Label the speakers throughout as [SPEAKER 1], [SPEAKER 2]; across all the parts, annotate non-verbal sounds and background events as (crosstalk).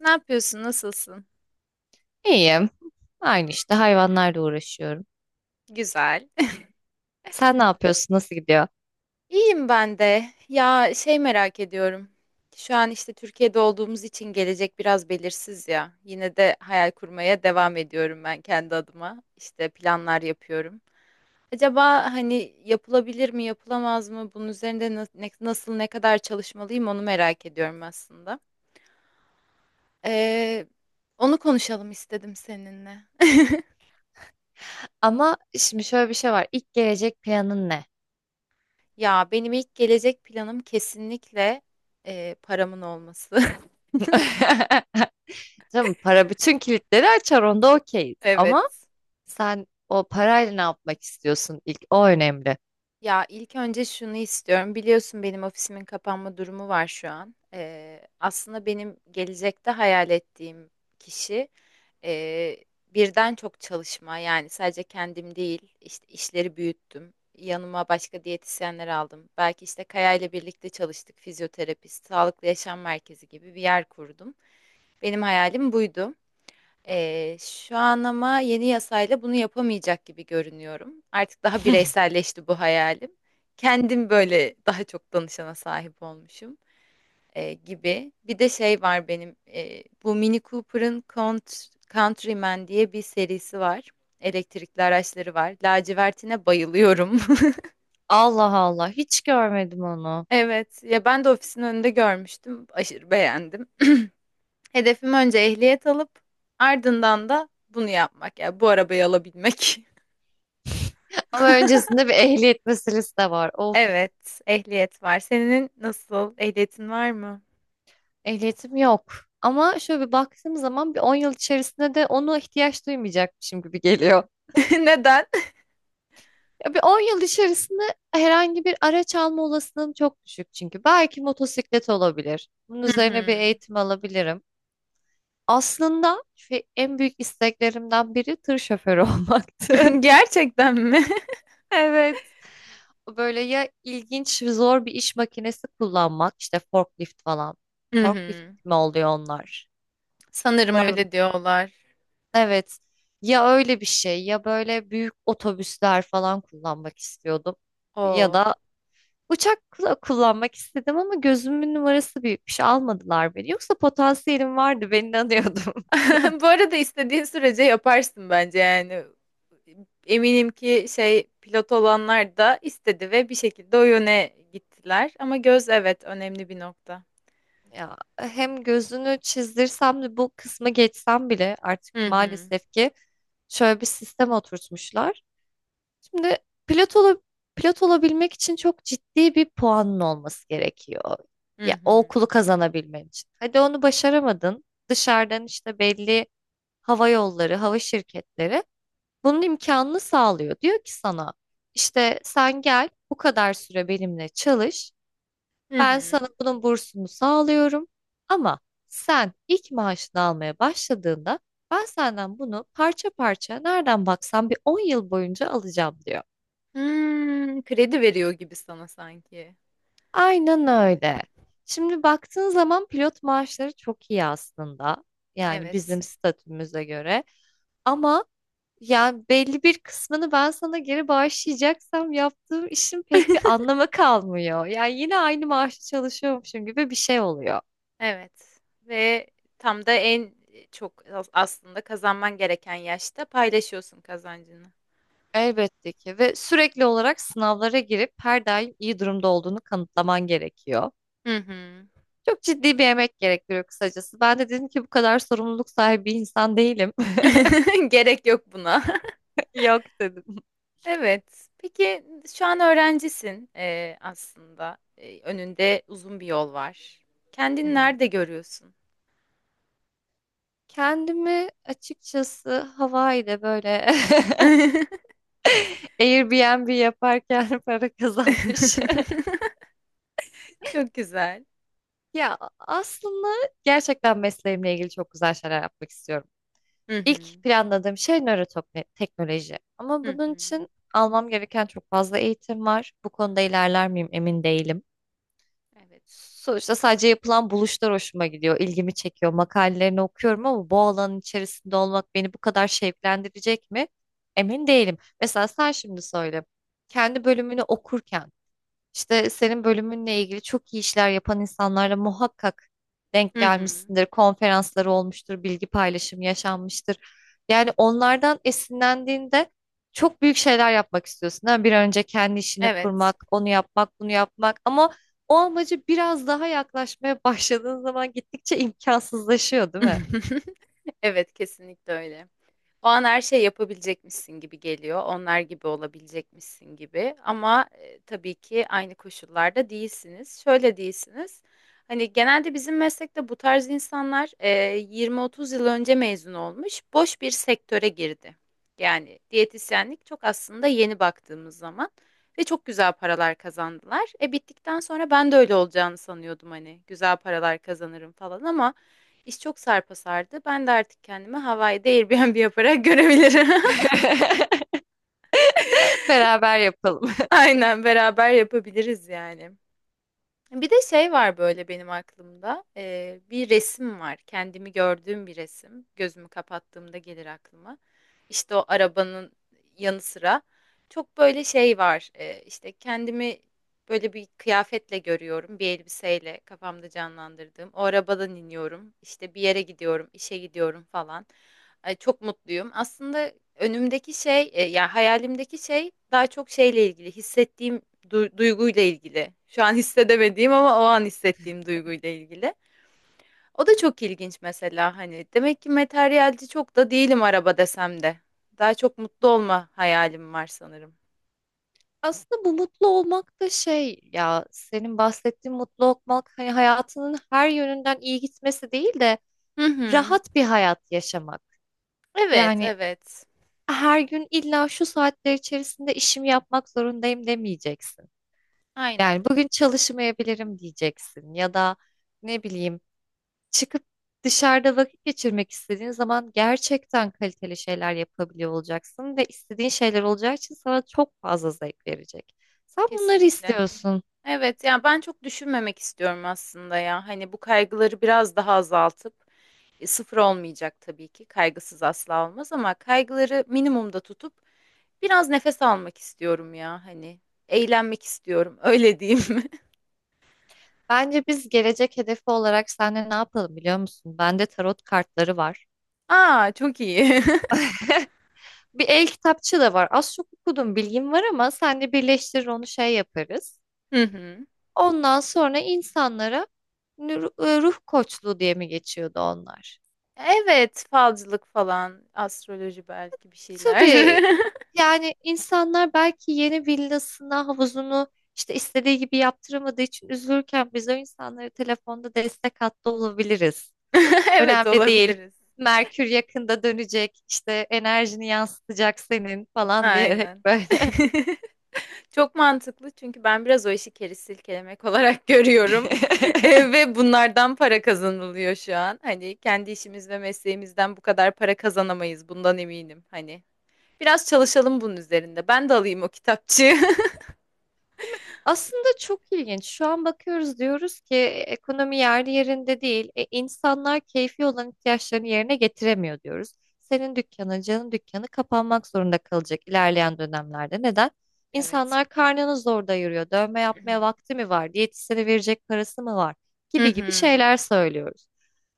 [SPEAKER 1] Ne yapıyorsun? Nasılsın?
[SPEAKER 2] İyiyim. Aynı işte hayvanlarla uğraşıyorum.
[SPEAKER 1] Güzel.
[SPEAKER 2] Sen ne yapıyorsun? Nasıl gidiyor?
[SPEAKER 1] (laughs) İyiyim ben de. Ya merak ediyorum. Şu an işte Türkiye'de olduğumuz için gelecek biraz belirsiz ya. Yine de hayal kurmaya devam ediyorum ben kendi adıma. İşte planlar yapıyorum. Acaba hani yapılabilir mi, yapılamaz mı? Bunun üzerinde nasıl, ne kadar çalışmalıyım onu merak ediyorum aslında. Ee, Onu konuşalım istedim seninle.
[SPEAKER 2] Ama şimdi şöyle bir şey var. İlk gelecek planın ne?
[SPEAKER 1] Ya benim ilk gelecek planım kesinlikle paramın olması. (laughs)
[SPEAKER 2] (laughs) Tamam, para bütün kilitleri açar onda okeyiz.
[SPEAKER 1] Evet.
[SPEAKER 2] Ama sen o parayla ne yapmak istiyorsun ilk? O önemli.
[SPEAKER 1] Ya ilk önce şunu istiyorum. Biliyorsun benim ofisimin kapanma durumu var şu an. Aslında benim gelecekte hayal ettiğim kişi e, birden çok çalışma. Yani sadece kendim değil, işte işleri büyüttüm. Yanıma başka diyetisyenler aldım. Belki işte Kaya ile birlikte çalıştık. Fizyoterapist, sağlıklı yaşam merkezi gibi bir yer kurdum. Benim hayalim buydu. Şu an ama yeni yasayla bunu yapamayacak gibi görünüyorum. Artık daha
[SPEAKER 2] (laughs)
[SPEAKER 1] bireyselleşti bu hayalim. Kendim böyle daha çok danışana sahip olmuşum gibi. Bir de şey var benim bu Mini Cooper'ın Countryman diye bir serisi var. Elektrikli araçları var. Lacivertine bayılıyorum. (laughs)
[SPEAKER 2] Allah Allah hiç görmedim onu.
[SPEAKER 1] Evet, ya ben de ofisin önünde görmüştüm. Aşırı beğendim. (clears throat) Hedefim önce ehliyet alıp ardından da bunu yapmak. Yani bu arabayı alabilmek. (laughs)
[SPEAKER 2] Ama öncesinde bir ehliyet meselesi de var. Of,
[SPEAKER 1] Evet, ehliyet var. Senin nasıl? Ehliyetin var mı?
[SPEAKER 2] ehliyetim yok. Ama şöyle bir baktığım zaman bir 10 yıl içerisinde de onu ihtiyaç duymayacakmışım gibi geliyor.
[SPEAKER 1] (laughs) Neden?
[SPEAKER 2] Ya bir 10 yıl içerisinde herhangi bir araç alma olasılığım çok düşük çünkü. Belki motosiklet olabilir. Bunun
[SPEAKER 1] Hı
[SPEAKER 2] üzerine bir
[SPEAKER 1] hı.
[SPEAKER 2] eğitim alabilirim. Aslında şu en büyük isteklerimden biri tır şoförü (laughs) olmaktı.
[SPEAKER 1] (laughs) Gerçekten mi?
[SPEAKER 2] Evet. Böyle ya ilginç, zor bir iş makinesi kullanmak, işte forklift falan.
[SPEAKER 1] Hı
[SPEAKER 2] Forklift
[SPEAKER 1] hı.
[SPEAKER 2] mi oluyor onlar?
[SPEAKER 1] Sanırım
[SPEAKER 2] Umarım.
[SPEAKER 1] öyle diyorlar.
[SPEAKER 2] Evet. Ya öyle bir şey ya böyle büyük otobüsler falan kullanmak istiyordum. Ya
[SPEAKER 1] Oo.
[SPEAKER 2] da uçakla kullanmak istedim ama gözümün numarası büyükmüş. Almadılar beni. Yoksa potansiyelim vardı. Ben inanıyordum. (laughs)
[SPEAKER 1] (laughs) Bu arada istediğin sürece yaparsın bence yani. Eminim ki şey pilot olanlar da istedi ve bir şekilde o yöne gittiler. Ama göz evet önemli bir nokta.
[SPEAKER 2] Ya hem gözünü çizdirsem de bu kısmı geçsem bile artık
[SPEAKER 1] Hı hı.
[SPEAKER 2] maalesef ki şöyle bir sistem oturtmuşlar. Şimdi pilot ola, pilot olabilmek için çok ciddi bir puanın olması gerekiyor.
[SPEAKER 1] Hı
[SPEAKER 2] Ya o
[SPEAKER 1] hı.
[SPEAKER 2] okulu kazanabilmen için. Hadi onu başaramadın. Dışarıdan işte belli hava yolları, hava şirketleri bunun imkanını sağlıyor. Diyor ki sana işte sen gel bu kadar süre benimle çalış.
[SPEAKER 1] Hı
[SPEAKER 2] Ben
[SPEAKER 1] hı.
[SPEAKER 2] sana bunun bursunu sağlıyorum. Ama sen ilk maaşını almaya başladığında ben senden bunu parça parça nereden baksan bir 10 yıl boyunca alacağım diyor.
[SPEAKER 1] Hmm, kredi veriyor gibi sana sanki.
[SPEAKER 2] Aynen öyle. Şimdi baktığın zaman pilot maaşları çok iyi aslında. Yani
[SPEAKER 1] Evet.
[SPEAKER 2] bizim statümüze göre. Ama yani belli bir kısmını ben sana geri bağışlayacaksam yaptığım işin
[SPEAKER 1] (laughs)
[SPEAKER 2] pek bir anlamı kalmıyor. Yani yine aynı maaşı çalışıyormuşum gibi bir şey oluyor.
[SPEAKER 1] Evet ve tam da en çok aslında kazanman gereken yaşta paylaşıyorsun kazancını.
[SPEAKER 2] Elbette ki ve sürekli olarak sınavlara girip her daim iyi durumda olduğunu kanıtlaman gerekiyor.
[SPEAKER 1] Hı hı.
[SPEAKER 2] Çok ciddi bir emek gerektiriyor kısacası. Ben de dedim ki bu kadar sorumluluk sahibi bir insan değilim.
[SPEAKER 1] (laughs) Gerek yok buna. (laughs)
[SPEAKER 2] (laughs) Yok dedim.
[SPEAKER 1] Evet. Peki şu an öğrencisin aslında. Önünde uzun bir yol var.
[SPEAKER 2] Hı
[SPEAKER 1] Kendini
[SPEAKER 2] hı.
[SPEAKER 1] nerede görüyorsun?
[SPEAKER 2] Kendimi açıkçası Hawaii'de böyle (laughs) Airbnb yaparken (laughs) para kazanmış. (laughs)
[SPEAKER 1] (laughs) Çok güzel.
[SPEAKER 2] Ya aslında gerçekten mesleğimle ilgili çok güzel şeyler yapmak istiyorum.
[SPEAKER 1] Hı hı.
[SPEAKER 2] İlk planladığım şey nöroteknoloji. Ama
[SPEAKER 1] Hı
[SPEAKER 2] bunun
[SPEAKER 1] hı.
[SPEAKER 2] için almam gereken çok fazla eğitim var. Bu konuda ilerler miyim emin değilim.
[SPEAKER 1] Evet.
[SPEAKER 2] Sonuçta sadece yapılan buluşlar hoşuma gidiyor, ilgimi çekiyor. Makalelerini okuyorum ama bu alanın içerisinde olmak beni bu kadar şevklendirecek mi? Emin değilim. Mesela sen şimdi söyle. Kendi bölümünü okurken işte senin bölümünle ilgili çok iyi işler yapan insanlarla muhakkak denk
[SPEAKER 1] Hı hı.
[SPEAKER 2] gelmişsindir. Konferansları olmuştur, bilgi paylaşımı yaşanmıştır. Yani onlardan esinlendiğinde çok büyük şeyler yapmak istiyorsun, değil mi? Bir an önce kendi işini
[SPEAKER 1] Evet.
[SPEAKER 2] kurmak, onu yapmak, bunu yapmak ama o amacı biraz daha yaklaşmaya (laughs) başladığın zaman gittikçe imkansızlaşıyor, değil mi?
[SPEAKER 1] (laughs) Evet, kesinlikle öyle. O an her şey yapabilecekmişsin gibi geliyor. Onlar gibi olabilecekmişsin gibi. Ama tabii ki aynı koşullarda değilsiniz. Şöyle değilsiniz. Hani genelde bizim meslekte bu tarz insanlar 20-30 yıl önce mezun olmuş, boş bir sektöre girdi. Yani diyetisyenlik çok aslında yeni baktığımız zaman ve çok güzel paralar kazandılar. E bittikten sonra ben de öyle olacağını sanıyordum hani güzel paralar kazanırım falan ama. İş çok sarpa sardı. Ben de artık kendimi Hawaii'de Airbnb yaparak görebilirim.
[SPEAKER 2] (laughs)
[SPEAKER 1] (laughs)
[SPEAKER 2] Beraber yapalım.
[SPEAKER 1] Aynen beraber yapabiliriz yani. Bir de şey var böyle benim aklımda. Bir resim var. Kendimi gördüğüm bir resim. Gözümü kapattığımda gelir aklıma. İşte o arabanın yanı sıra çok böyle şey var. İşte kendimi böyle bir kıyafetle görüyorum. Bir elbiseyle kafamda canlandırdığım. O arabadan iniyorum. İşte bir yere gidiyorum, işe gidiyorum falan. Ay, çok mutluyum. Aslında önümdeki şey, yani hayalimdeki şey daha çok şeyle ilgili, hissettiğim duyguyla ilgili. Şu an (laughs) hissedemediğim ama o an hissettiğim duyguyla ilgili. O da çok ilginç mesela hani demek ki materyalci çok da değilim araba desem de. Daha çok mutlu olma hayalim var sanırım.
[SPEAKER 2] Aslında bu mutlu olmak da şey, ya senin bahsettiğin mutlu olmak hani hayatının her yönünden iyi gitmesi değil de
[SPEAKER 1] Hı hı.
[SPEAKER 2] rahat bir hayat yaşamak.
[SPEAKER 1] Evet,
[SPEAKER 2] Yani
[SPEAKER 1] evet.
[SPEAKER 2] her gün illa şu saatler içerisinde işimi yapmak zorundayım demeyeceksin.
[SPEAKER 1] Aynen.
[SPEAKER 2] Yani bugün çalışmayabilirim diyeceksin ya da ne bileyim çıkıp dışarıda vakit geçirmek istediğin zaman gerçekten kaliteli şeyler yapabiliyor olacaksın ve istediğin şeyler olacağı için sana çok fazla zevk verecek. Sen bunları
[SPEAKER 1] Kesinlikle.
[SPEAKER 2] istiyorsun.
[SPEAKER 1] Evet yani ben çok düşünmemek istiyorum aslında ya. Hani bu kaygıları biraz daha azaltıp sıfır olmayacak tabii ki. Kaygısız asla olmaz ama kaygıları minimumda tutup biraz nefes almak istiyorum ya hani. Eğlenmek istiyorum öyle diyeyim (laughs) mi?
[SPEAKER 2] Bence biz gelecek hedefi olarak seninle ne yapalım biliyor musun? Bende tarot kartları var.
[SPEAKER 1] Aa çok iyi. (laughs)
[SPEAKER 2] Bir el kitapçı da var. Az çok okudum, bilgim var ama seninle birleştirir onu şey yaparız.
[SPEAKER 1] Hı hı.
[SPEAKER 2] Ondan sonra insanlara nü- ruh koçluğu diye mi geçiyordu onlar?
[SPEAKER 1] Evet falcılık falan, astroloji belki bir şeyler.
[SPEAKER 2] Tabii
[SPEAKER 1] (laughs)
[SPEAKER 2] yani insanlar belki yeni villasına havuzunu işte istediği gibi yaptıramadığı için üzülürken biz o insanlara telefonda destek hattı olabiliriz.
[SPEAKER 1] Evet
[SPEAKER 2] Önemli değil.
[SPEAKER 1] olabiliriz.
[SPEAKER 2] Merkür yakında dönecek, işte enerjini yansıtacak senin falan diyerek
[SPEAKER 1] Aynen.
[SPEAKER 2] böyle.
[SPEAKER 1] (laughs) Çok mantıklı çünkü ben biraz o işi keri silkelemek olarak (laughs) görüyorum.
[SPEAKER 2] (laughs)
[SPEAKER 1] Ve bunlardan para kazanılıyor şu an. Hani kendi işimiz ve mesleğimizden bu kadar para kazanamayız bundan eminim. Hani biraz çalışalım bunun üzerinde. Ben de alayım o kitapçığı. (laughs)
[SPEAKER 2] Aslında çok ilginç. Şu an bakıyoruz diyoruz ki: "E, ekonomi yerli yerinde değil. E, insanlar keyfi olan ihtiyaçlarını yerine getiremiyor," diyoruz. Senin dükkanın, canın dükkanı kapanmak zorunda kalacak ilerleyen dönemlerde. Neden?
[SPEAKER 1] Evet.
[SPEAKER 2] İnsanlar karnını zor doyuruyor. Dövme yapmaya
[SPEAKER 1] (clears throat)
[SPEAKER 2] vakti mi var? Diyetisyene verecek parası mı var?
[SPEAKER 1] Hı
[SPEAKER 2] Gibi gibi
[SPEAKER 1] hı.
[SPEAKER 2] şeyler söylüyoruz.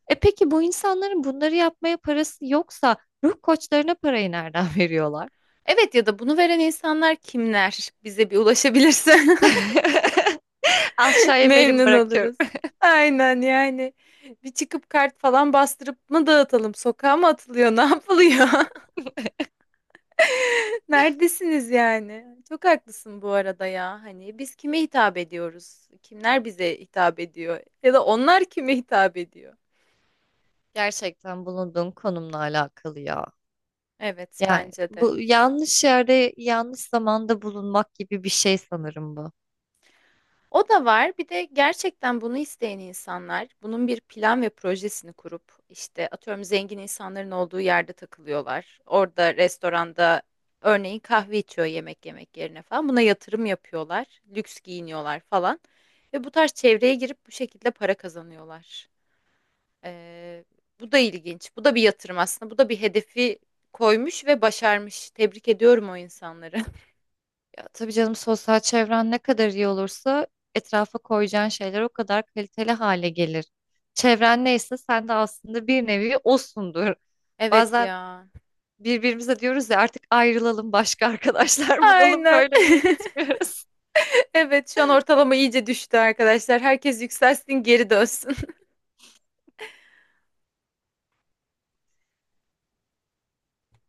[SPEAKER 2] E peki bu insanların bunları yapmaya parası yoksa ruh koçlarına parayı nereden veriyorlar?
[SPEAKER 1] Evet ya da bunu veren insanlar kimler? Bize bir ulaşabilirse
[SPEAKER 2] (laughs)
[SPEAKER 1] (laughs)
[SPEAKER 2] Aşağıya melim
[SPEAKER 1] memnun
[SPEAKER 2] bırakıyorum.
[SPEAKER 1] oluruz. Aynen yani. Bir çıkıp kart falan bastırıp mı dağıtalım? Sokağa mı atılıyor? (laughs) Ne yapılıyor?
[SPEAKER 2] (laughs)
[SPEAKER 1] Neredesiniz yani? Çok haklısın bu arada ya. Hani biz kime hitap ediyoruz? Kimler bize hitap ediyor? Ya da onlar kime hitap ediyor?
[SPEAKER 2] Gerçekten bulunduğun konumla alakalı ya.
[SPEAKER 1] Evet,
[SPEAKER 2] Yani
[SPEAKER 1] bence de.
[SPEAKER 2] bu yanlış yerde yanlış zamanda bulunmak gibi bir şey sanırım bu.
[SPEAKER 1] O da var. Bir de gerçekten bunu isteyen insanlar bunun bir plan ve projesini kurup işte atıyorum zengin insanların olduğu yerde takılıyorlar. Orada restoranda örneğin kahve içiyor yemek yemek yerine falan. Buna yatırım yapıyorlar. Lüks giyiniyorlar falan. Ve bu tarz çevreye girip bu şekilde para kazanıyorlar. Ee, Bu da ilginç. Bu da bir yatırım aslında. Bu da bir hedefi koymuş ve başarmış. Tebrik ediyorum o insanları. (laughs)
[SPEAKER 2] Ya tabii canım, sosyal çevren ne kadar iyi olursa etrafa koyacağın şeyler o kadar kaliteli hale gelir. Çevren neyse sen de aslında bir nevi osundur.
[SPEAKER 1] Evet
[SPEAKER 2] Bazen
[SPEAKER 1] ya.
[SPEAKER 2] birbirimize diyoruz ya artık ayrılalım, başka (laughs) arkadaşlar bulalım,
[SPEAKER 1] Aynen.
[SPEAKER 2] böyle iyi
[SPEAKER 1] (laughs)
[SPEAKER 2] gitmiyoruz.
[SPEAKER 1] Evet şu an ortalama iyice düştü arkadaşlar. Herkes yükselsin geri dönsün.